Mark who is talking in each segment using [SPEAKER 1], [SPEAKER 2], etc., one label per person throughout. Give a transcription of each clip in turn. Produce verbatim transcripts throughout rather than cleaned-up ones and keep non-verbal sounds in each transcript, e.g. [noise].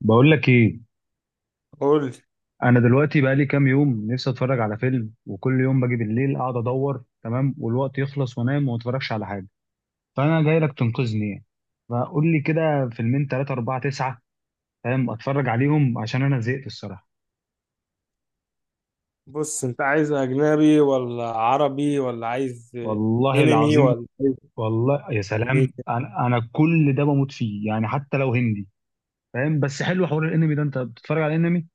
[SPEAKER 1] بقول لك ايه؟
[SPEAKER 2] قول لي،
[SPEAKER 1] انا دلوقتي بقى لي كام يوم نفسي اتفرج على فيلم، وكل يوم باجي بالليل اقعد ادور تمام والوقت يخلص وانام وما اتفرجش على حاجه. فانا جاي لك تنقذني يعني. فقول لي كده، فيلمين ثلاثه اربعه تسعه فاهم، اتفرج عليهم عشان انا زهقت الصراحه.
[SPEAKER 2] بص انت عايز اجنبي ولا عربي ولا عايز
[SPEAKER 1] والله
[SPEAKER 2] انمي
[SPEAKER 1] العظيم.
[SPEAKER 2] ولا عايز
[SPEAKER 1] والله يا سلام،
[SPEAKER 2] انيميشن؟
[SPEAKER 1] انا انا كل ده بموت فيه يعني، حتى لو هندي فاهم. بس حلو حوار الانمي ده، انت بتتفرج على الانمي؟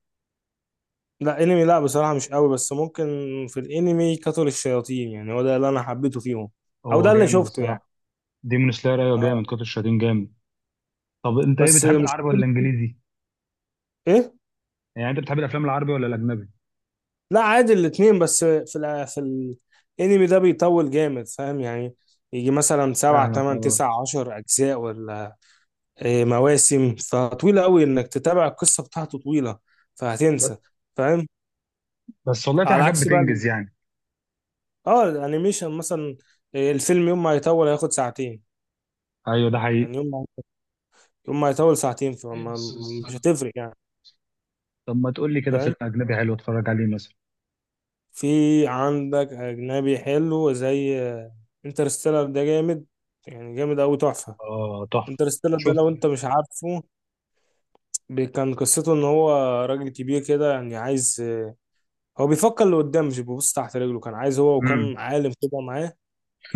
[SPEAKER 2] لا، انمي لا، بصراحة مش قوي، بس ممكن. في الانمي قتل الشياطين، يعني هو ده اللي انا حبيته فيهم، او
[SPEAKER 1] هو
[SPEAKER 2] ده اللي
[SPEAKER 1] جامد
[SPEAKER 2] شفته يعني.
[SPEAKER 1] الصراحه. ديمون سلاير، ايوه جامد،
[SPEAKER 2] اه،
[SPEAKER 1] قاتل الشياطين جامد. طب انت ايه،
[SPEAKER 2] بس
[SPEAKER 1] بتحب
[SPEAKER 2] مش،
[SPEAKER 1] العربي ولا الانجليزي؟
[SPEAKER 2] ايه.
[SPEAKER 1] يعني انت بتحب الافلام العربي ولا الاجنبي؟
[SPEAKER 2] لا، عادي الاتنين، بس في ال... في الانمي ده بيطول جامد، فاهم يعني. يجي مثلا سبعة
[SPEAKER 1] فاهمك
[SPEAKER 2] تمن
[SPEAKER 1] اه.
[SPEAKER 2] تسع عشر أجزاء ولا إيه، مواسم، فطويلة أوي إنك تتابع القصة بتاعته، طويلة
[SPEAKER 1] ب-
[SPEAKER 2] فهتنسى فاهم.
[SPEAKER 1] بس والله في
[SPEAKER 2] على
[SPEAKER 1] حاجات
[SPEAKER 2] عكس بقى ال-
[SPEAKER 1] بتنجز يعني.
[SPEAKER 2] اه الانيميشن مثلا. آه، الفيلم يوم ما هيطول هياخد ساعتين،
[SPEAKER 1] ايوه ده حقيقي.
[SPEAKER 2] يعني يوم ما يوم ما هيطول ساعتين، فما مش هتفرق يعني،
[SPEAKER 1] طب ما تقول لي كده
[SPEAKER 2] فاهم.
[SPEAKER 1] فيلم اجنبي حلو اتفرج عليه مثلا.
[SPEAKER 2] في عندك اجنبي حلو زي انترستيلر، ده جامد يعني، جامد قوي، تحفه.
[SPEAKER 1] اه تحفه.
[SPEAKER 2] انترستيلر ده
[SPEAKER 1] شوف.
[SPEAKER 2] لو انت مش عارفه، بي- كان قصته ان هو راجل كبير كده، يعني عايز، آه، هو بيفكر لقدام، مش بيبص تحت رجله، كان عايز هو
[SPEAKER 1] امم
[SPEAKER 2] وكان عالم كده معاه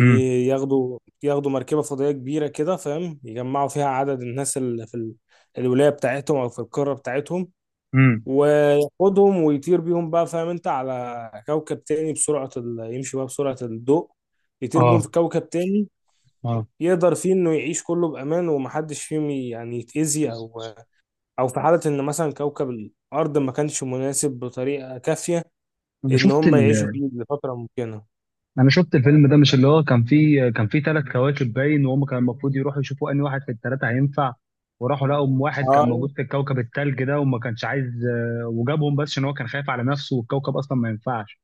[SPEAKER 1] امم
[SPEAKER 2] ياخدوا ياخدوا مركبة فضائية كبيرة كده، فاهم، يجمعوا فيها عدد الناس اللي في ال- الولاية بتاعتهم أو في القارة بتاعتهم،
[SPEAKER 1] امم
[SPEAKER 2] وياخدهم ويطير بيهم بقى، فاهم، أنت على كوكب تاني بسرعة ال... يمشي بقى بسرعة الضوء، يطير بيهم
[SPEAKER 1] اه.
[SPEAKER 2] في كوكب تاني
[SPEAKER 1] اه.
[SPEAKER 2] يقدر فيه إنه يعيش كله بأمان، ومحدش فيهم ي- يعني يتأذي، أو أو في حالة إن مثلا كوكب الأرض ما كانش مناسب بطريقة كافية
[SPEAKER 1] انا
[SPEAKER 2] إن
[SPEAKER 1] شفت
[SPEAKER 2] هم
[SPEAKER 1] ال...
[SPEAKER 2] يعيشوا فيه لفترة ممكنة.
[SPEAKER 1] انا شفت الفيلم ده، مش اللي هو كان فيه، كان فيه ثلاث كواكب باين، وهم كان المفروض يروحوا يشوفوا انهي واحد في الثلاثه هينفع. وراحوا لقوا أم واحد كان موجود في الكوكب الثلج ده وما كانش عايز. آه، وجابهم بس عشان هو كان خايف على نفسه، والكوكب اصلا ما ينفعش.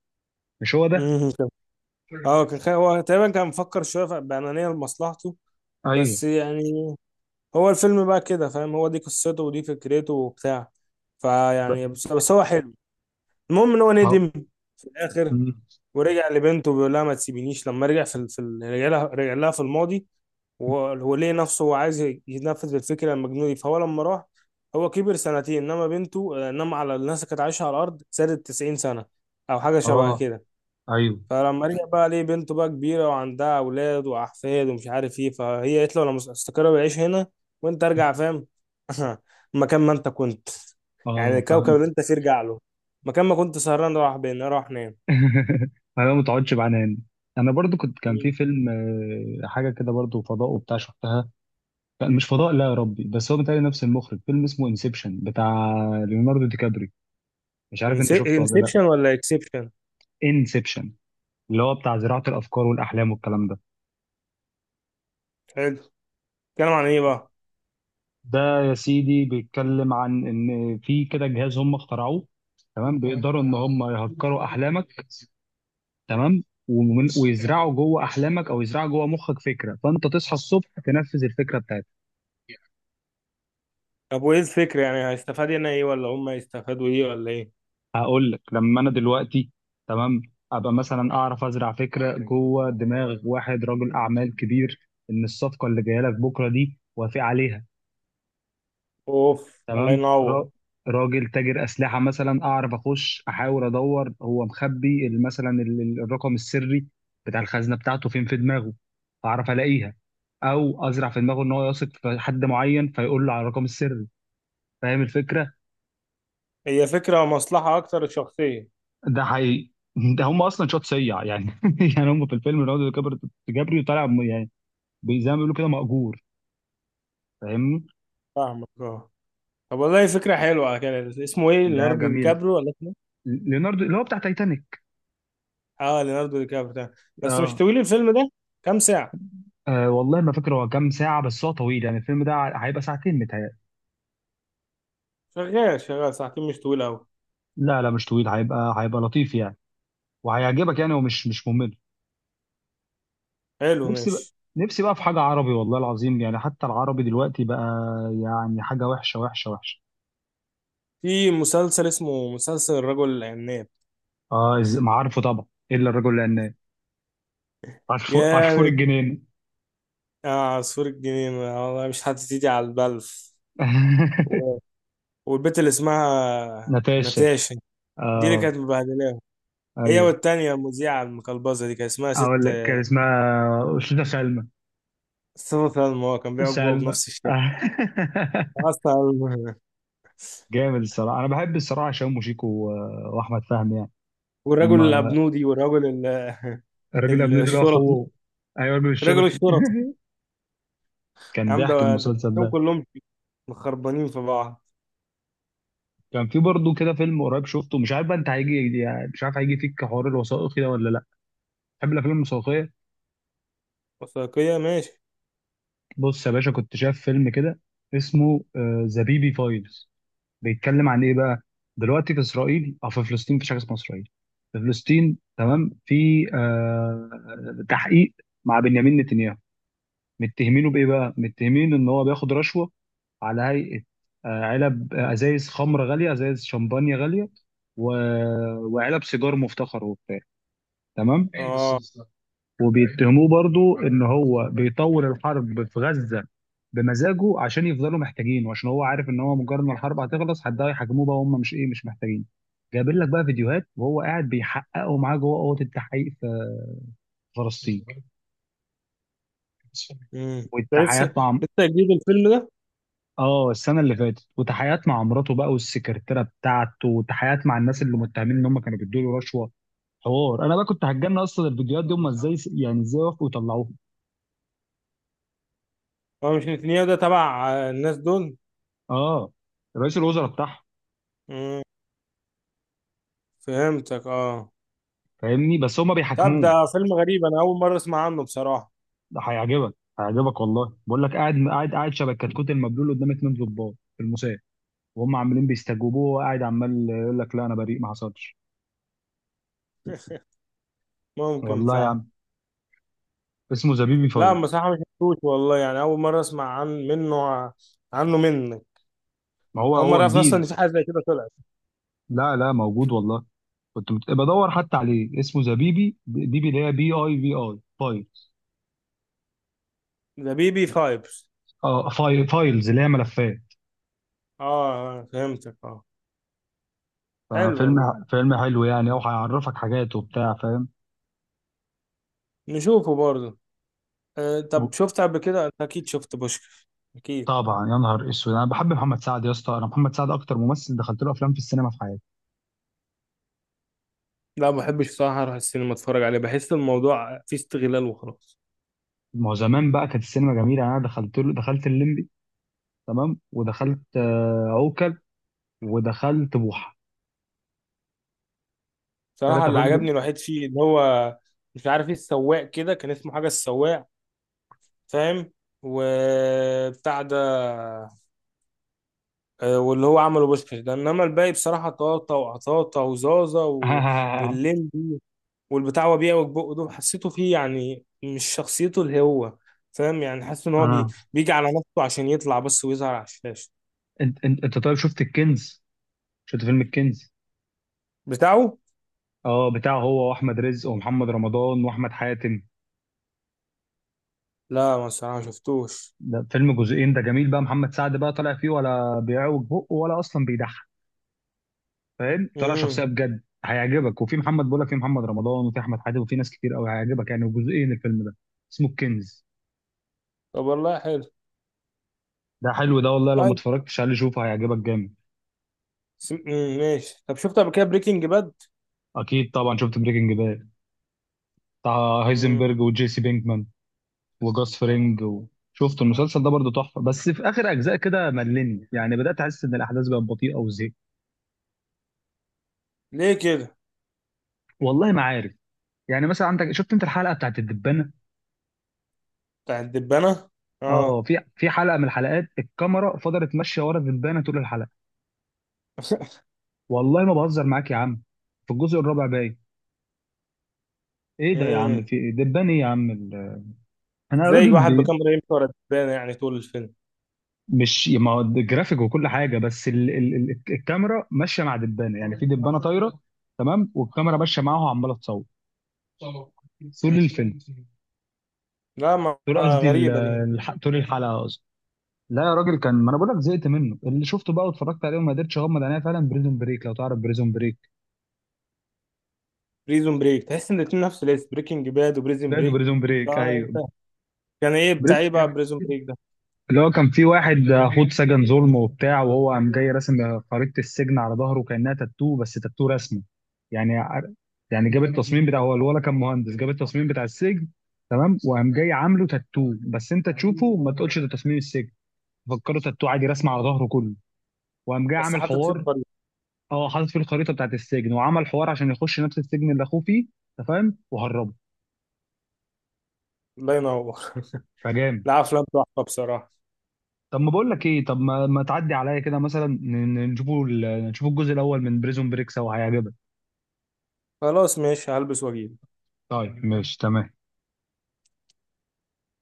[SPEAKER 1] مش هو ده؟
[SPEAKER 2] اه اه كان خ- هو تقريبا كان مفكر شويه ف- بأنانية لمصلحته،
[SPEAKER 1] ايوه.
[SPEAKER 2] بس يعني هو الفيلم بقى كده، فاهم، هو دي قصته ودي فكرته وبتاع. فيعني بس, بس هو حلو. المهم ان هو
[SPEAKER 1] اه.
[SPEAKER 2] ندم في الاخر،
[SPEAKER 1] مم.
[SPEAKER 2] ورجع لبنته بيقول لها ما تسيبينيش، لما رجع في ال... في ال... رجع لها رجع لها في الماضي، وهو هو ليه نفسه، هو عايز ينفذ الفكره المجنونه دي. فهو لما راح، هو كبر سنتين، انما بنته، انما على الناس اللي كانت عايشه على الارض، زادت تسعين سنه او حاجه شبه
[SPEAKER 1] اه.
[SPEAKER 2] كده.
[SPEAKER 1] ايوه.
[SPEAKER 2] فلما رجع بقى ليه، بنته بقى كبيرة وعندها أولاد وأحفاد ومش عارف إيه، فهي قالت له أنا مس- استقر بعيش هنا، وأنت أرجع فاهم. [laughs] مكان ما أنت كنت، يعني
[SPEAKER 1] اه
[SPEAKER 2] الكوكب
[SPEAKER 1] فهمت.
[SPEAKER 2] اللي أنت فيه ارجع له، مكان ما كنت سهران راح، بين راح نام.
[SPEAKER 1] [laughs] انا ما تقعدش بعنان. انا برضو كنت، كان في فيلم آه، حاجه كده برضو فضاء وبتاع شفتها. كان مش فضاء، لا يا ربي، بس هو بتاعي نفس المخرج، فيلم اسمه انسبشن، بتاع ليوناردو دي كابري. مش عارف انت شفته ولا لا؟
[SPEAKER 2] انسبشن ولا اكسبشن؟
[SPEAKER 1] انسبشن. اللي هو بتاع زراعه الافكار والاحلام والكلام ده.
[SPEAKER 2] حلو. اتكلم عن ايه بقى؟
[SPEAKER 1] ده يا سيدي بيتكلم عن ان في كده جهاز هم اخترعوه تمام، بيقدروا ان هم يهكروا احلامك تمام، ومن- ويزرعوا جوه احلامك، او يزرعوا جوه مخك فكره، فانت تصحى الصبح تنفذ الفكره بتاعتك.
[SPEAKER 2] طب وايه الفكرة؟ يعني هيستفاد هنا ايه، ولا هم هيستفادوا ايه، ولا ايه؟
[SPEAKER 1] هقول لك، لما انا دلوقتي تمام، ابقى مثلا اعرف ازرع فكره جوه دماغ واحد رجل اعمال كبير، ان الصفقه اللي جايه لك بكره دي، وافق عليها.
[SPEAKER 2] اوف. الله
[SPEAKER 1] تمام.
[SPEAKER 2] ينور.
[SPEAKER 1] را- راجل تاجر اسلحه مثلا، اعرف اخش احاول ادور هو مخبي ال- مثلا ال- ال- الرقم السري بتاع الخزنه بتاعته فين في دماغه، اعرف الاقيها. او ازرع في دماغه ان هو يثق في حد معين فيقول له على الرقم السري. فاهم الفكره؟
[SPEAKER 2] هي فكرة مصلحة اكتر، شخصية.
[SPEAKER 1] ده حقيقي. [laughs] ده هم اصلا شوت سيع يعني. [laughs] يعني هم في الفيلم ليوناردو دي كابري كابريو طالع م- يعني زي ما بيقولوا كده مأجور. فاهمني؟
[SPEAKER 2] فاهمك، اه. طب والله فكرة حلوة. على كده اسمه ايه،
[SPEAKER 1] لا
[SPEAKER 2] ليوناردو دي
[SPEAKER 1] جميل.
[SPEAKER 2] كابريو ولا؟
[SPEAKER 1] ليوناردو اللي هو بتاع تايتانيك.
[SPEAKER 2] اه، ليوناردو دي كابريو ده. بس مش
[SPEAKER 1] اه.
[SPEAKER 2] طويل الفيلم ده؟ كام ساعة؟
[SPEAKER 1] أه والله ما فاكر هو كام ساعة، بس هو طويل يعني، الفيلم ده هيبقى ساعتين متهيألي.
[SPEAKER 2] شغال، شغال ساعتين، مش طويل أوي.
[SPEAKER 1] لا لا مش طويل، هيبقى هيبقى لطيف يعني، وهيعجبك يعني، ومش مش ممل.
[SPEAKER 2] حلو،
[SPEAKER 1] نفسي بقى.
[SPEAKER 2] ماشي.
[SPEAKER 1] نفسي بقى في حاجة عربي والله العظيم، يعني حتى العربي دلوقتي بقى يعني حاجة وحشة وحشة وحشة.
[SPEAKER 2] في مسلسل اسمه مسلسل الرجل العناب.
[SPEAKER 1] اه، إز- ما عارفه طبعا، إلا الرجل العناب. عصفور، عصفور
[SPEAKER 2] جامد.
[SPEAKER 1] الجنين.
[SPEAKER 2] آه، عصفور الجنينة. آه، والله مش هتيجي على البلف. و-
[SPEAKER 1] [laughs]
[SPEAKER 2] والبت اللي اسمها
[SPEAKER 1] ناتاشا.
[SPEAKER 2] ناتاشا، دي اللي
[SPEAKER 1] اه.
[SPEAKER 2] كانت مبهدلاهم، هي
[SPEAKER 1] ايوه.
[SPEAKER 2] والتانية المذيعة المقلبزة دي، كان اسمها
[SPEAKER 1] اقول
[SPEAKER 2] ست
[SPEAKER 1] لك كان اسمها أستاذة سلمى.
[SPEAKER 2] صفة سلمى. هو كان بيعجبه بابا
[SPEAKER 1] سلمى.
[SPEAKER 2] بنفس الشكل
[SPEAKER 1] [laughs]
[SPEAKER 2] أصلا. [laughs]
[SPEAKER 1] جامد الصراحة، انا بحب الصراحة هشام وشيكو و- واحمد فهمي يعني.
[SPEAKER 2] والرجل
[SPEAKER 1] اما
[SPEAKER 2] الأبنودي، والرجل ال-
[SPEAKER 1] الراجل
[SPEAKER 2] ال-
[SPEAKER 1] الأبني ده اللي هو
[SPEAKER 2] الشرطي،
[SPEAKER 1] اخوه. ايوه الراجل
[SPEAKER 2] رجل
[SPEAKER 1] الشرطي. [laughs]
[SPEAKER 2] الشرطي. يا
[SPEAKER 1] كان
[SPEAKER 2] عم، ده
[SPEAKER 1] ضحك
[SPEAKER 2] ده
[SPEAKER 1] المسلسل
[SPEAKER 2] التلاتة
[SPEAKER 1] ده.
[SPEAKER 2] كلهم مخربانين في بعض.
[SPEAKER 1] كان في برضه كده فيلم قريب شفته، مش عارف بقى انت هيجي يعني، مش عارف هيجي فيك حوار الوثائقي ده ولا لا، تحب الافلام الوثائقيه؟
[SPEAKER 2] وثائقية، ماشي.
[SPEAKER 1] بص يا باشا، كنت شايف فيلم كده اسمه ذا بيبي فايلز. بيتكلم عن ايه بقى؟ دلوقتي في اسرائيل، او في فلسطين، مفيش حاجه اسمها اسرائيل، في فلسطين تمام، في آه تحقيق مع بنيامين نتنياهو. متهمينه بايه بقى؟ متهمين ان هو بياخد رشوه على هيئه آه، علب، آه، ازايز خمره غاليه، ازايز شمبانيا غاليه، و... وعلب سيجار مفتخر وبتاع تمام.
[SPEAKER 2] اه.
[SPEAKER 1] وبيتهموه برضو ان هو بيطول الحرب في غزه بمزاجه، عشان يفضلوا محتاجين، وعشان هو عارف ان هو مجرد ما الحرب هتخلص حد هيحاكموه بقى، وهم مش ايه، مش محتاجين. جايبين لك بقى فيديوهات وهو قاعد بيحققوا معاه جوه اوضه التحقيق في فلسطين،
[SPEAKER 2] امم ده لسه،
[SPEAKER 1] والتحقيقات مع،
[SPEAKER 2] لسه جديد الفيلم ده؟
[SPEAKER 1] اه، السنه اللي فاتت، وتحيات مع مراته بقى والسكرتيره بتاعته، وتحيات مع الناس اللي متهمين ان هم كانوا بيدوا له رشوه حوار. انا بقى كنت هتجنن اصلا، الفيديوهات دي هم ازاي يعني، ازاي وافقوا يطلعوها؟
[SPEAKER 2] هو مش نتنياهو ده تبع آه، الناس دول؟
[SPEAKER 1] اه رئيس الوزراء بتاعهم.
[SPEAKER 2] امم فهمتك، اه.
[SPEAKER 1] فاهمني؟ بس هم
[SPEAKER 2] طب
[SPEAKER 1] بيحاكموه.
[SPEAKER 2] ده فيلم غريب، انا اول مرة اسمع عنه بصراحة.
[SPEAKER 1] ده هيعجبك، هيعجبك والله، بقول لك قاعد قاعد قاعد شبه الكتكوت المبلول قدام اتنين ضباط في المساء، وهم عمالين بيستجوبوه، وهو قاعد عمال يقول لك لا انا بريء ما حصلش.
[SPEAKER 2] ممكن
[SPEAKER 1] والله يا
[SPEAKER 2] فعلا.
[SPEAKER 1] عم. اسمه زبيبي
[SPEAKER 2] لا،
[SPEAKER 1] فايز.
[SPEAKER 2] بصراحة مش شفتوش والله، يعني اول مرة اسمع عن منه ع- عنه منك.
[SPEAKER 1] ما هو
[SPEAKER 2] اول مرة
[SPEAKER 1] هو
[SPEAKER 2] اعرف اصلا ان
[SPEAKER 1] جديد.
[SPEAKER 2] في حاجة زي كده طلعت.
[SPEAKER 1] لا لا موجود والله، كنت بت- بدور حتى عليه، اسمه ذا بيبي بيبي اللي هي بي اي في اي فايلز.
[SPEAKER 2] ده بي بي فايبس.
[SPEAKER 1] اه فايل فايلز اللي هي ملفات.
[SPEAKER 2] اه. آه، فهمتك، اه. حلو والله.
[SPEAKER 1] ففيلم، فيلم حلو يعني، او هيعرفك حاجات وبتاع فاهم.
[SPEAKER 2] نشوفه برضه. أه طب شفت قبل كده؟ انت اكيد شفت بوشكاش، اكيد.
[SPEAKER 1] طبعا، يا نهار اسود، انا بحب محمد سعد يا اسطى، انا محمد سعد اكتر ممثل دخلت له افلام في السينما في حياتي.
[SPEAKER 2] لا، ما بحبش بصراحه اروح السينما اتفرج عليه، بحس الموضوع فيه استغلال وخلاص.
[SPEAKER 1] ما هو زمان بقى كانت السينما جميله. انا دخلت له دخلت الليمبي تمام، ودخلت آه، عوكل، ودخلت بوحه، ثلاث
[SPEAKER 2] بصراحه اللي
[SPEAKER 1] افلام دول.
[SPEAKER 2] عجبني الوحيد فيه، ان هو، مش عارف ايه، السواق كده، كان اسمه حاجه السواق، فاهم، وبتاع ده. أه، واللي هو عمله بوشكاش ده، انما الباقي بصراحه طاطا وعطاطا وزازا
[SPEAKER 1] [laughs]
[SPEAKER 2] و...
[SPEAKER 1] اه.
[SPEAKER 2] واللمبي والبتاع، هو بيعوج بقه، دول حسيته فيه يعني مش شخصيته اللي هو، فاهم يعني، حاسس ان هو بي... بيجي على نفسه عشان يطلع بس ويظهر على الشاشه
[SPEAKER 1] انت انت انت طيب شفت الكنز؟ شفت فيلم الكنز؟
[SPEAKER 2] بتاعه.
[SPEAKER 1] اه بتاعه هو واحمد رزق ومحمد رمضان واحمد حاتم.
[SPEAKER 2] لا، ما الصراحة ما شفتوش.
[SPEAKER 1] ده فيلم جزئين، ده جميل بقى، محمد سعد بقى طالع فيه، ولا بيعوج بقه، ولا اصلا بيضحك، فاهم؟ طالع
[SPEAKER 2] امم.
[SPEAKER 1] شخصيه بجد هيعجبك، وفي محمد، بقول لك في محمد رمضان وفي احمد حاتم، وفي ناس كتير قوي هيعجبك يعني، وجزئين الفيلم ده، اسمه الكنز.
[SPEAKER 2] طب والله حلو.
[SPEAKER 1] ده حلو ده والله، لو ما
[SPEAKER 2] طيب.
[SPEAKER 1] اتفرجتش عليه شوفه، هيعجبك جامد.
[SPEAKER 2] سم... مم. ماشي. طب شفت قبل كده بريكنج باد؟
[SPEAKER 1] اكيد طبعا شفت بريكنج باد، بتاع
[SPEAKER 2] امم.
[SPEAKER 1] هايزنبرج وجيسي بينكمان وجاس فرينج و... شفت المسلسل ده برضه تحفه، بس في اخر اجزاء كده ملني يعني، بدات احس ان الاحداث بقت بطيئه وزهقت.
[SPEAKER 2] ليه كده؟
[SPEAKER 1] والله ما عارف. يعني مثلا عندك، شفت انت الحلقه بتاعت الدبانه؟
[SPEAKER 2] بتاع الدبانة،
[SPEAKER 1] اه
[SPEAKER 2] اه.
[SPEAKER 1] في في حلقه من الحلقات الكاميرا فضلت ماشيه ورا الدبانه طول الحلقه.
[SPEAKER 2] [laughs]
[SPEAKER 1] والله ما بهزر معاك يا عم، في الجزء الرابع باين، ايه ده يا عم،
[SPEAKER 2] امم
[SPEAKER 1] في دبان ايه يا عم ال- انا
[SPEAKER 2] زي
[SPEAKER 1] راجل
[SPEAKER 2] واحد
[SPEAKER 1] بي...
[SPEAKER 2] بكاميرا يمشي ورا الدبانة يعني طول الفيلم.
[SPEAKER 1] مش ما هو جرافيك وكل حاجه، بس ال... ال... ال... الكاميرا ماشيه مع دبانه، يعني في دبانه طايره تصوير تمام، والكاميرا ماشيه معاها وعماله تصور
[SPEAKER 2] مم.
[SPEAKER 1] طول الفيلم.
[SPEAKER 2] لا، ما
[SPEAKER 1] طول
[SPEAKER 2] ما
[SPEAKER 1] قصدي ال-
[SPEAKER 2] غريبة دي.
[SPEAKER 1] الح... طول الحلقه قصدي. لا يا راجل، كان، ما انا بقول لك زهقت منه اللي شفته بقى واتفرجت عليه وما قدرتش اغمض عينيا. فعلا بريزون بريك، لو تعرف بريزون بريك.
[SPEAKER 2] بريزون بريك؟ تحس ان الاتنين نفس الاسم، بريكنج باد
[SPEAKER 1] ده
[SPEAKER 2] وبريزون
[SPEAKER 1] ده
[SPEAKER 2] بريك.
[SPEAKER 1] بريزون بريك، ايوه.
[SPEAKER 2] كان ايه بتاع ايه بقى
[SPEAKER 1] بريزون
[SPEAKER 2] بريزون بريك ده؟
[SPEAKER 1] اللي هو كان في واحد خد سجن ظلم وبتاع، وهو قام جاي راسم خريطة السجن على ظهره كأنها تاتو، بس تاتو رسمه يعني. ع- يعني جاب التصميم بتاع، هو الولا كان مهندس، جاب التصميم بتاع السجن تمام، وقام جاي عامله تاتو، بس انت تشوفه وما تقولش ده تصميم السجن، فكره، تاتو عادي رسمه على ظهره كله. وقام جاي
[SPEAKER 2] بس
[SPEAKER 1] عامل
[SPEAKER 2] حاطط فيه
[SPEAKER 1] حوار،
[SPEAKER 2] الطريق.
[SPEAKER 1] اه حاطط فيه الخريطة بتاعت السجن، وعمل حوار عشان يخش نفس السجن اللي اخوه فيه انت فاهم، وهربه.
[SPEAKER 2] الله ينور. [laughs]
[SPEAKER 1] فجامد.
[SPEAKER 2] لا، افلام تحفة بصراحة.
[SPEAKER 1] طب ما بقول لك ايه، طب ما, ما تعدي عليا كده مثلا، ن- ن- نشوفوا ال- نشوفوا الجزء الاول من بريزون بريك سوا هيعجبك.
[SPEAKER 2] خلاص ماشي، هلبس واجيب.
[SPEAKER 1] طيب ماشي تمام.